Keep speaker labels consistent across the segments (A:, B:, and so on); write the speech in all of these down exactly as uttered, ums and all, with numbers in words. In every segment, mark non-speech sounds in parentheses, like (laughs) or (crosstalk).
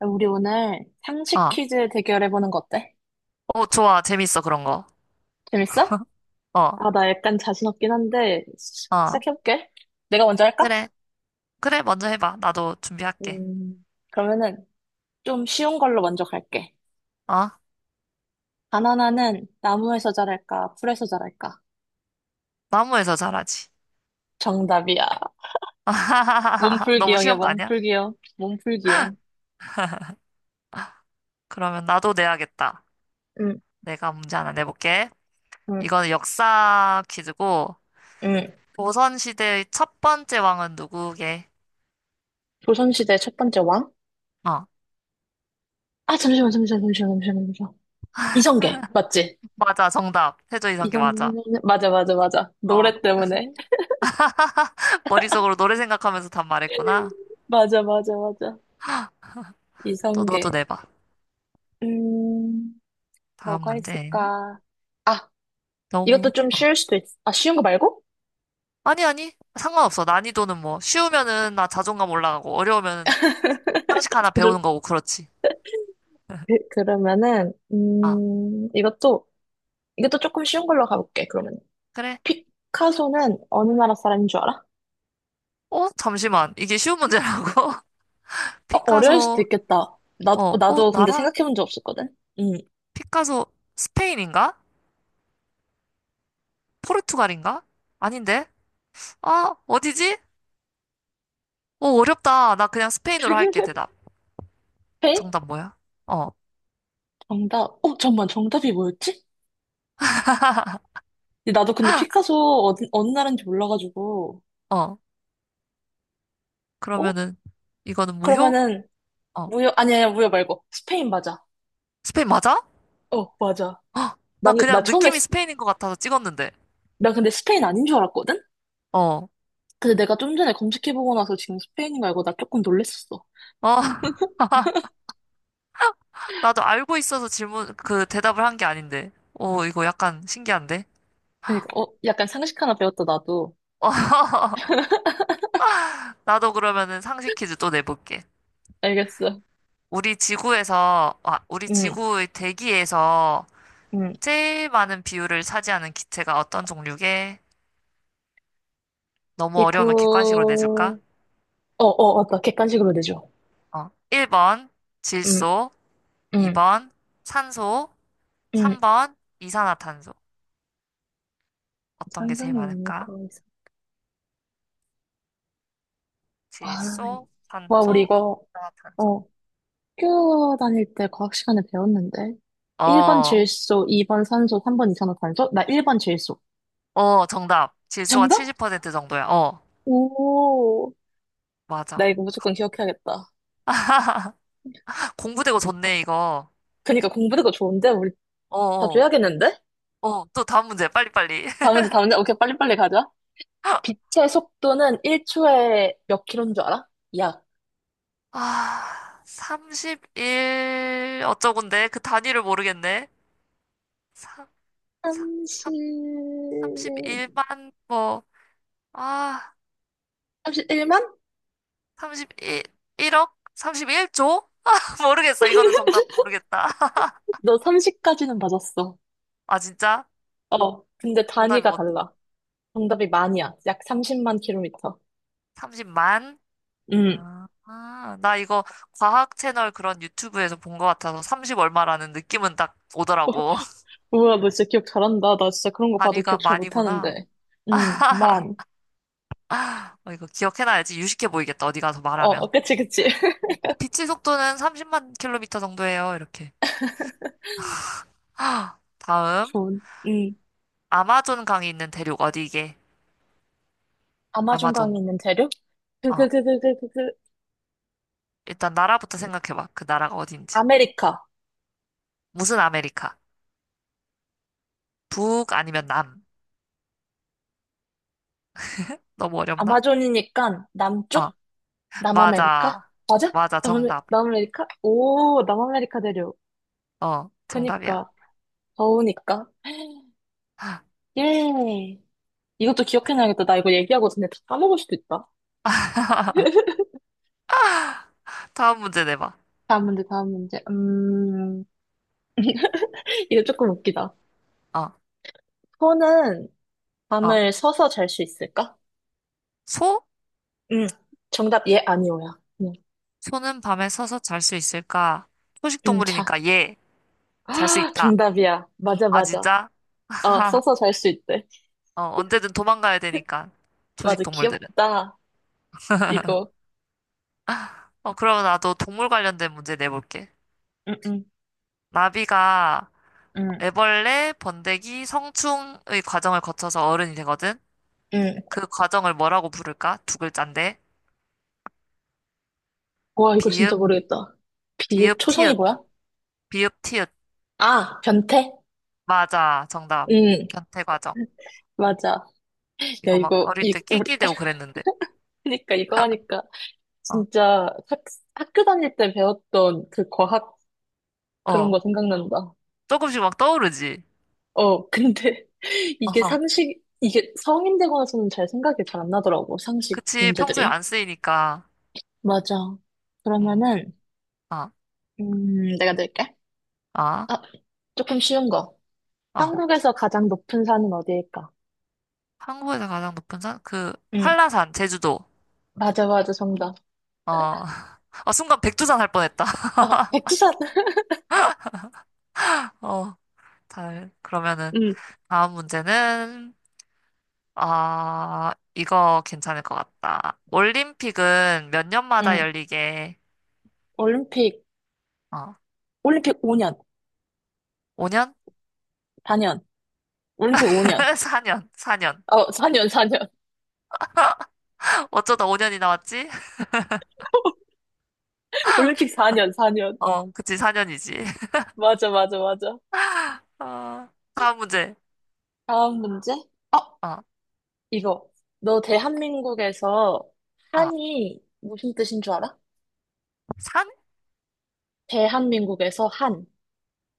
A: 우리 오늘 상식
B: 어,
A: 퀴즈 대결해보는 거 어때?
B: 어, 좋아. 재밌어, 그런 거.
A: 재밌어?
B: 어,
A: 아, 나 약간 자신 없긴 한데, 시-
B: 어.
A: 시작해볼게. 내가 먼저 할까?
B: 그래. 그래, 먼저 해봐. 나도 준비할게.
A: 음, 그러면은 좀 쉬운 걸로 먼저 갈게.
B: 어?
A: 바나나는 나무에서 자랄까, 풀에서 자랄까?
B: 나무에서 자라지.
A: 정답이야. 몸풀
B: (laughs)
A: 기
B: 너무
A: 용이야
B: 쉬운
A: 몸
B: 거
A: 풀
B: 아니야?
A: 기용 몸풀기용.
B: 그러면 나도 내야겠다.
A: 응,
B: 내가 문제 하나 내볼게.
A: 응,
B: 이거는 역사 퀴즈고,
A: 응.
B: 조선시대의 첫 번째 왕은 누구게?
A: 조선시대 첫 번째 왕?
B: 어,
A: 아, 잠시만, 잠시만, 잠시만, 잠시만, 잠시만. 이성계, 맞지?
B: 맞아. 정답. 세조 이성계
A: 이성계,
B: 맞아.
A: 맞아, 맞아, 맞아.
B: 어,
A: 노래 때문에. (laughs)
B: (laughs) 머릿속으로 노래 생각하면서 답 말했구나.
A: 맞아, 맞아, 맞아.
B: 또 너도
A: 이성계.
B: 내봐.
A: 음,
B: 다음
A: 뭐가
B: 문제.
A: 있을까? 아, 이것도
B: 너무.
A: 좀 쉬울 수도 있, 아, 쉬운 거 말고?
B: 아니, 아니. 상관없어. 난이도는 뭐, 쉬우면은 나 자존감 올라가고, 어려우면은 상식 하나
A: 좀-
B: 배우는 거고, 그렇지.
A: 그- 그러면은,
B: 아,
A: 음, 이것도, 이것도 조금 쉬운 걸로 가볼게, 그러면.
B: 그래?
A: 피카소는 어느 나라 사람인 줄 알아?
B: 어? 잠시만. 이게 쉬운 문제라고? (laughs)
A: 어, 어려울 수도
B: 피카소,
A: 있겠다. 나,
B: 어, 어,
A: 나도 근데
B: 나라?
A: 생각해 본 적 없었거든? 음.
B: 피카소, 스페인인가? 포르투갈인가? 아닌데? 아, 어디지? 어, 어렵다. 나 그냥 스페인으로 할게,
A: (laughs)
B: 대답.
A: 페이?
B: 정답 뭐야? 어,
A: 정답. 어, 잠깐만, 정답이 뭐였지? 근데 나도 근데 피카소 어디, 어느 나라인지 몰라가지고.
B: 어.
A: 어?
B: 그러면은, 이거는 무효?
A: 그러면은,
B: 어.
A: 무효, 아니야, 아니 무효 말고. 스페인 맞아.
B: 스페인 맞아?
A: 어, 맞아.
B: 헉, 나
A: 나는, 나
B: 그냥
A: 처음에
B: 느낌이 스페인인 것 같아서 찍었는데.
A: 나 근데 스페인 아닌 줄 알았거든?
B: 어, 어.
A: 근데 내가 좀 전에 검색해보고 나서 지금 스페인인 거 알고 나 조금 놀랬었어.
B: (laughs) 나도 알고 있어서 질문, 그 대답을 한 게 아닌데. 오, 이거 약간 신기한데?
A: 그러니까, 어, 약간 상식 하나 배웠다, 나도.
B: (laughs) 나도 그러면은 상식 퀴즈 또 내볼게.
A: 알겠어.
B: 우리 지구에서, 아, 우리
A: 응,
B: 지구의 대기에서
A: 응.
B: 제일 많은 비율을 차지하는 기체가 어떤 종류게? 너무 어려우면 객관식으로 내줄까?
A: 이구, 어, 어, 맞다. 객관식으로 되죠.
B: 어, 일 번
A: 응,
B: 질소,
A: 응,
B: 이 번 산소,
A: 응.
B: 삼 번 이산화탄소. 어떤 게 제일
A: 상상이 오늘
B: 많을까?
A: 거 있어. 와, 이-
B: 질소,
A: 와, 우리
B: 산소,
A: 이거,
B: 이산화탄소.
A: 어, 학교 다닐 때 과학 시간에 배웠는데. 일 번
B: 어,
A: 질소, 이 번 산소, 삼 번 이산화탄소? 나 일 번 질소.
B: 어, 정답. 질소가
A: 정답?
B: 칠십 퍼센트 정도야. 어,
A: 오, 나
B: 맞아.
A: 이거 무조건 기억해야겠다.
B: (laughs) 공부되고 좋네, 이거.
A: 그니까 공부그거 좋은데? 우리
B: 어,
A: 자주
B: 어,
A: 해야겠는데?
B: 어, 또 다음 문제. 빨리빨리.
A: 다음 문제, 다음 문제. 오케이, 빨리빨리 가자.
B: (laughs)
A: 빛의 속도는 일 초에 몇 킬로인 줄 알아? 약
B: 아, 삼십일 어쩌군데? 그 단위를 모르겠네. 삼, 삼,
A: 삼십...
B: 삼십일만, 뭐, 아,
A: 삼십일만?
B: 삼십일, 일억? 삼십일조? (laughs) 모르겠어. 이거는 정답 모르겠다. (laughs)
A: 너 삼십까지는 맞았어.
B: 아, 진짜?
A: 어, 근데
B: 정답이
A: 단위가
B: 뭔데?
A: 달라. 정답이 만이야. 약 삼십만 킬로미터.
B: 삼십만?
A: 음.
B: 아, 아, 나 이거 과학 채널 그런 유튜브에서 본 것 같아서 삼십 얼마라는 느낌은 딱 오더라고. (laughs)
A: 우와, 너 진짜 기억 잘한다. 나 진짜 그런 거 봐도
B: 단위가
A: 기억 잘
B: 만이구나.
A: 못하는데. 음, 만.
B: 어, 이거 기억해놔야지 유식해 보이겠다. 어디 가서
A: 어, 어,
B: 말하면.
A: 그치, 그치. (laughs)
B: 어, 빛의 속도는 삼십만 킬로미터 정도예요. 이렇게. 다음.
A: 좋은. 음.
B: 아마존 강이 있는 대륙 어디게?
A: 아마존 강에
B: 아마존.
A: 있는 대륙? 그,
B: 어,
A: 그, 그, 그, 그, 그, 그, 그,
B: 일단 나라부터 생각해봐. 그 나라가 어딘지.
A: 아메리카.
B: 무슨 아메리카? 북 아니면 남? 너무 어렵나?
A: 아마존이니까 남쪽?
B: 어,
A: 남아메리카?
B: 맞아.
A: 맞아?
B: 맞아.
A: 남아메,
B: 정답.
A: 남아메리카? 오, 남아메리카 대륙.
B: 어, 정답이야.
A: 그니까, 더우니까. 예. 이것도 기억해놔야겠다. 나 이거 얘기하고 전에 다 까먹을 수도 있다.
B: 다음 문제 내봐.
A: 다음 문제, 다음 문제. 음, 이거 조금 웃기다.
B: 어.
A: 소는
B: 어.
A: 밤을 서서 잘 수 있을까?
B: 소?
A: 응. 정답, 예, 아니오야. 응,
B: 소는 밤에 서서 잘 수 있을까? 초식
A: 응, 자. (gasps)
B: 동물이니까 예, 잘 수
A: 아,
B: 있다.
A: 정답이야. 맞아,
B: 아,
A: 맞아.
B: 진짜?
A: 아,
B: (laughs)
A: 서서 잘 수 있대.
B: 어, 언제든 도망가야 되니까, 초식
A: 맞아,
B: 동물들은.
A: 귀엽다. 이거.
B: 어, 그럼 나도 동물 관련된 문제 내볼게.
A: 응, 응,
B: 나비가
A: 응.
B: 애벌레, 번데기, 성충의 과정을 거쳐서 어른이 되거든?
A: 응.
B: 그 과정을 뭐라고 부를까? 두 글자인데.
A: 와, 이거
B: 비읍,
A: 진짜 모르겠다. 비읍
B: 비읍,
A: 초성이
B: 티읕,
A: 뭐야?
B: 비읍, 티읕.
A: 아, 변태?
B: 맞아, 정답.
A: 음,
B: 변태 과정.
A: 맞아. 야,
B: 이거 막
A: 이거,
B: 어릴
A: 이,
B: 때
A: 우리,
B: 낄낄대고
A: (laughs)
B: 그랬는데.
A: 하니까,
B: (laughs)
A: 이거 하니까,
B: 어,
A: 진짜 학, 학교 다닐 때 배웠던 그 과학 그런
B: 어.
A: 거 생각난다.
B: 조금씩 막 떠오르지?
A: 어, 근데 (laughs) 이게
B: 어허.
A: 상식, 이게 성인 되고 나서는 잘 생각이 잘 안 나더라고, 상식
B: 그치, 평소에
A: 문제들이.
B: 안 쓰이니까.
A: 맞아.
B: 음,
A: 그러면은,
B: 아,
A: 음, 내가 낼게.
B: 아,
A: 아, 조금 쉬운 거.
B: 어.
A: 한국에서 가장 높은 산은 어디일까?
B: 한국에서 가장 높은 산? 그,
A: 응,
B: 한라산, 제주도.
A: 맞아, 맞아, 정답.
B: 어, (laughs) 아 순간 백두산 할 뻔했다. (laughs)
A: 아, 백두산!
B: 어, 잘, 그러면은,
A: 음,
B: 다음 문제는, 아, 이거 괜찮을 것 같다. 올림픽은 몇 년마다
A: 응.
B: 열리게,
A: 올림픽,
B: 어,
A: 올림픽 오 년,
B: 오 년?
A: 사 년, 올림픽 오 년.
B: 사 년, 사 년.
A: 어, 사 년, 사 년.
B: (laughs) 어쩌다 오 년이 나왔지? (laughs)
A: (laughs) 올림픽 사 년, 사 년.
B: 어, 그치, 사 년이지.
A: 맞아, 맞아, 맞아.
B: (laughs) 어, 다음 문제.
A: 다음 문제? 어,
B: 어,
A: 이거. 너 대한민국에서
B: 아,
A: 한이 무슨 뜻인 줄 알아? 대한민국에서 한.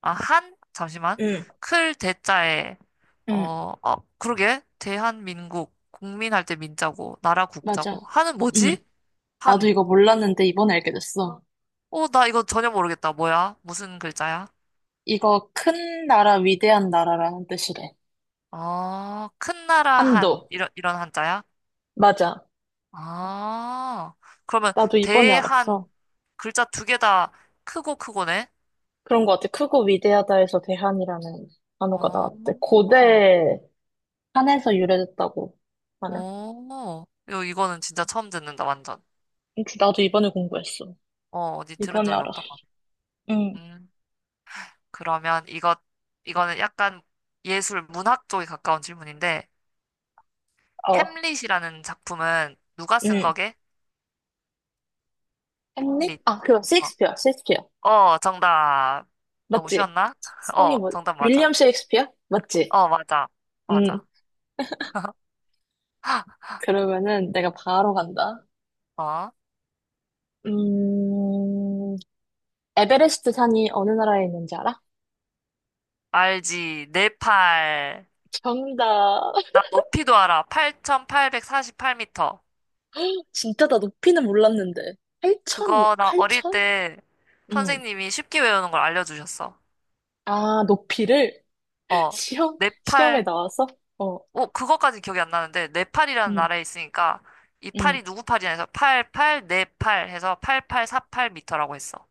B: 아, 한? 잠시만.
A: 응.
B: 클 대자에,
A: 응.
B: 어, 어, 그러게. 대한민국, 국민 할 때 민자고, 나라
A: 맞아.
B: 국자고. 한은
A: 응.
B: 뭐지?
A: 나도
B: 한.
A: 이거 몰랐는데 이번에 알게 됐어.
B: 어, 나 이거 전혀 모르겠다. 뭐야? 무슨 글자야?
A: 이거 큰 나라, 위대한 나라라는 뜻이래.
B: 어, 큰 나라 한.
A: 한도.
B: 이런, 이런 한자야?
A: 맞아.
B: 아, 그러면
A: 나도 이번에
B: 대한,
A: 알았어.
B: 글자 두 개 다 크고 크고네?
A: 그런 것 같아. 크고 위대하다에서 대한이라는 단어가
B: 어,
A: 나왔대.
B: 어,
A: 고대 한에서 유래됐다고 하네.
B: 어, 이거- 이거는 진짜 처음 듣는다, 완전.
A: 혹시 나도 이번에 공부했어.
B: 어, 어디 들은
A: 이번에
B: 적이
A: 알았어.
B: 없다.
A: 응,
B: 그러면 이것, 이거는 약간 예술 문학 쪽에 가까운 질문인데,
A: 어,
B: 햄릿이라는 작품은 누가 쓴
A: 응.
B: 거게?
A: 했니?
B: 햄릿.
A: 아, 그거
B: 어,
A: 셰익스피어, 셰익스피어.
B: 어, 정답. 너무
A: 맞지?
B: 쉬웠나? (laughs)
A: 성이
B: 어,
A: 뭐,
B: 정답
A: 윌리엄
B: 맞아.
A: 셰익스피어? 맞지?
B: 어, 맞아.
A: 응.
B: 맞아.
A: 그러면은 내가 바로 간다.
B: 어,
A: 음, 에베레스트 산이 어느 나라에 있는지 알아?
B: 알지. 내 팔.
A: 정답.
B: 나 높이도 알아. 팔천팔백사십팔 미터.
A: (laughs) 진짜 나 높이는 몰랐는데. 팔천이,
B: 그거 나 어릴
A: 팔천?
B: 때
A: 응.
B: 선생님이 쉽게 외우는 걸 알려주셨어.
A: 아, 높이를? (laughs)
B: 어,
A: 시험,
B: 내
A: 시험에
B: 팔.
A: 나와서? 어,
B: 어, 그거까지 기억이 안 나는데, 네팔이라는
A: 음,
B: 나라에 있으니까, 이
A: 음.
B: 팔이 누구 팔이냐 해서, 팔팔, 네팔 해서 팔 팔 사 팔터라고 했어.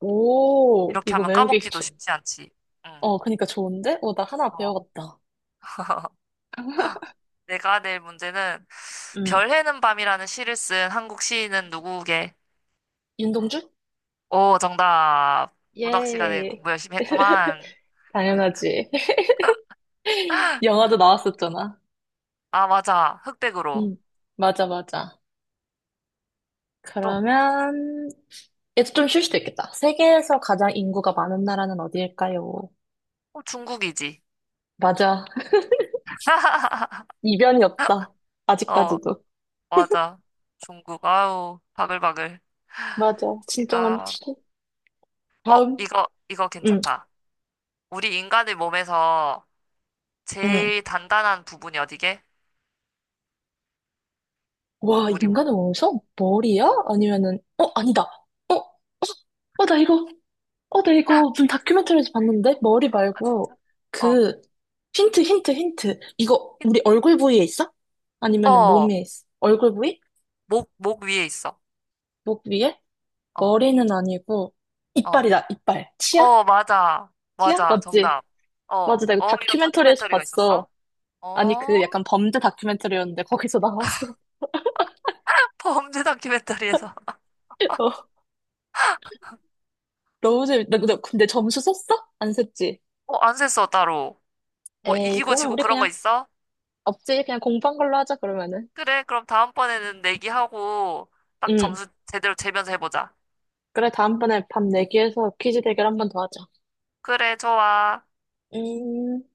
A: 오,
B: 이렇게
A: 이거
B: 하면
A: 외우기,
B: 까먹기도
A: 좋...
B: 쉽지 않지. 응.
A: 어, 그니까 좋은데? 어, 나 하나
B: 어.
A: 배워갔다.
B: (laughs) 내가 낼 문제는,
A: 음.
B: 별 해는 밤이라는 시를 쓴 한국 시인은 누구게?
A: 윤동주?
B: 오, 정답. 문학 시간에
A: 예,
B: 공부 열심히 했구만.
A: 당연하지. (laughs) 영화도 나왔었잖아.
B: 아, 맞아. 흑백으로.
A: 음, 맞아, 맞아.
B: 또,
A: 그러면, 얘도 좀 쉴 수도 있겠다. 세계에서 가장 인구가 많은 나라는 어디일까요?
B: 어, 중국이지.
A: 맞아. (laughs)
B: (laughs)
A: 이변이 없다.
B: 어,
A: 아직까지도.
B: 맞아. 중국, 아우, 바글바글.
A: 맞아. 진짜
B: 내가,
A: 많지.
B: 어,
A: 다음.
B: 이거, 이거
A: 응,
B: 괜찮다. 우리 인간의 몸에서
A: 응.
B: 제일 단단한 부분이 어디게?
A: 와,
B: 우리 목.
A: 인간의 원성? 머리야?
B: 어.
A: 아니면은, 어, 아니다. 어, 어, 나 이거, 어, 나 이거 무슨
B: (laughs)
A: 다큐멘터리에서 봤는데? 머리
B: 아,
A: 말고,
B: 진짜? 어,
A: 그, 힌트, 힌트, 힌트. 이거,
B: 힌-
A: 우리 얼굴 부위에 있어? 아니면은
B: 어,
A: 몸에 있어? 얼굴 부위?
B: 목, 목 위에 있어.
A: 목 위에?
B: 어,
A: 머리는 아니고,
B: 어,
A: 이빨이다, 이빨. 치아?
B: 어, 맞아.
A: 치아?
B: 맞아.
A: 맞지?
B: 정답. 어,
A: 맞아, 나 이거
B: 어, 이런
A: 다큐멘터리에서
B: 다큐멘터리가
A: 봤어.
B: 있었어?
A: 아니,
B: 어,
A: 그 약간 범죄 다큐멘터리였는데, 거기서 나왔어.
B: (laughs) 범죄 다큐멘터리에서.
A: (laughs) 어, 너무 재밌다. 근데 근데 점수 썼어? 안 썼지?
B: 어, 안 셌어, 따로. 뭐,
A: 에이,
B: 이기고
A: 그러면
B: 지고
A: 우리
B: 그런 거
A: 그냥
B: 있어?
A: 없지? 그냥 공부한 걸로 하자, 그러면은.
B: 그래, 그럼 다음번에는 내기하고, 딱
A: 응.
B: 점수 제대로 재면서 해보자.
A: 그래, 다음번에 밤 내기해서 퀴즈 대결 한번 더 하자.
B: 그래, 좋아.
A: 음.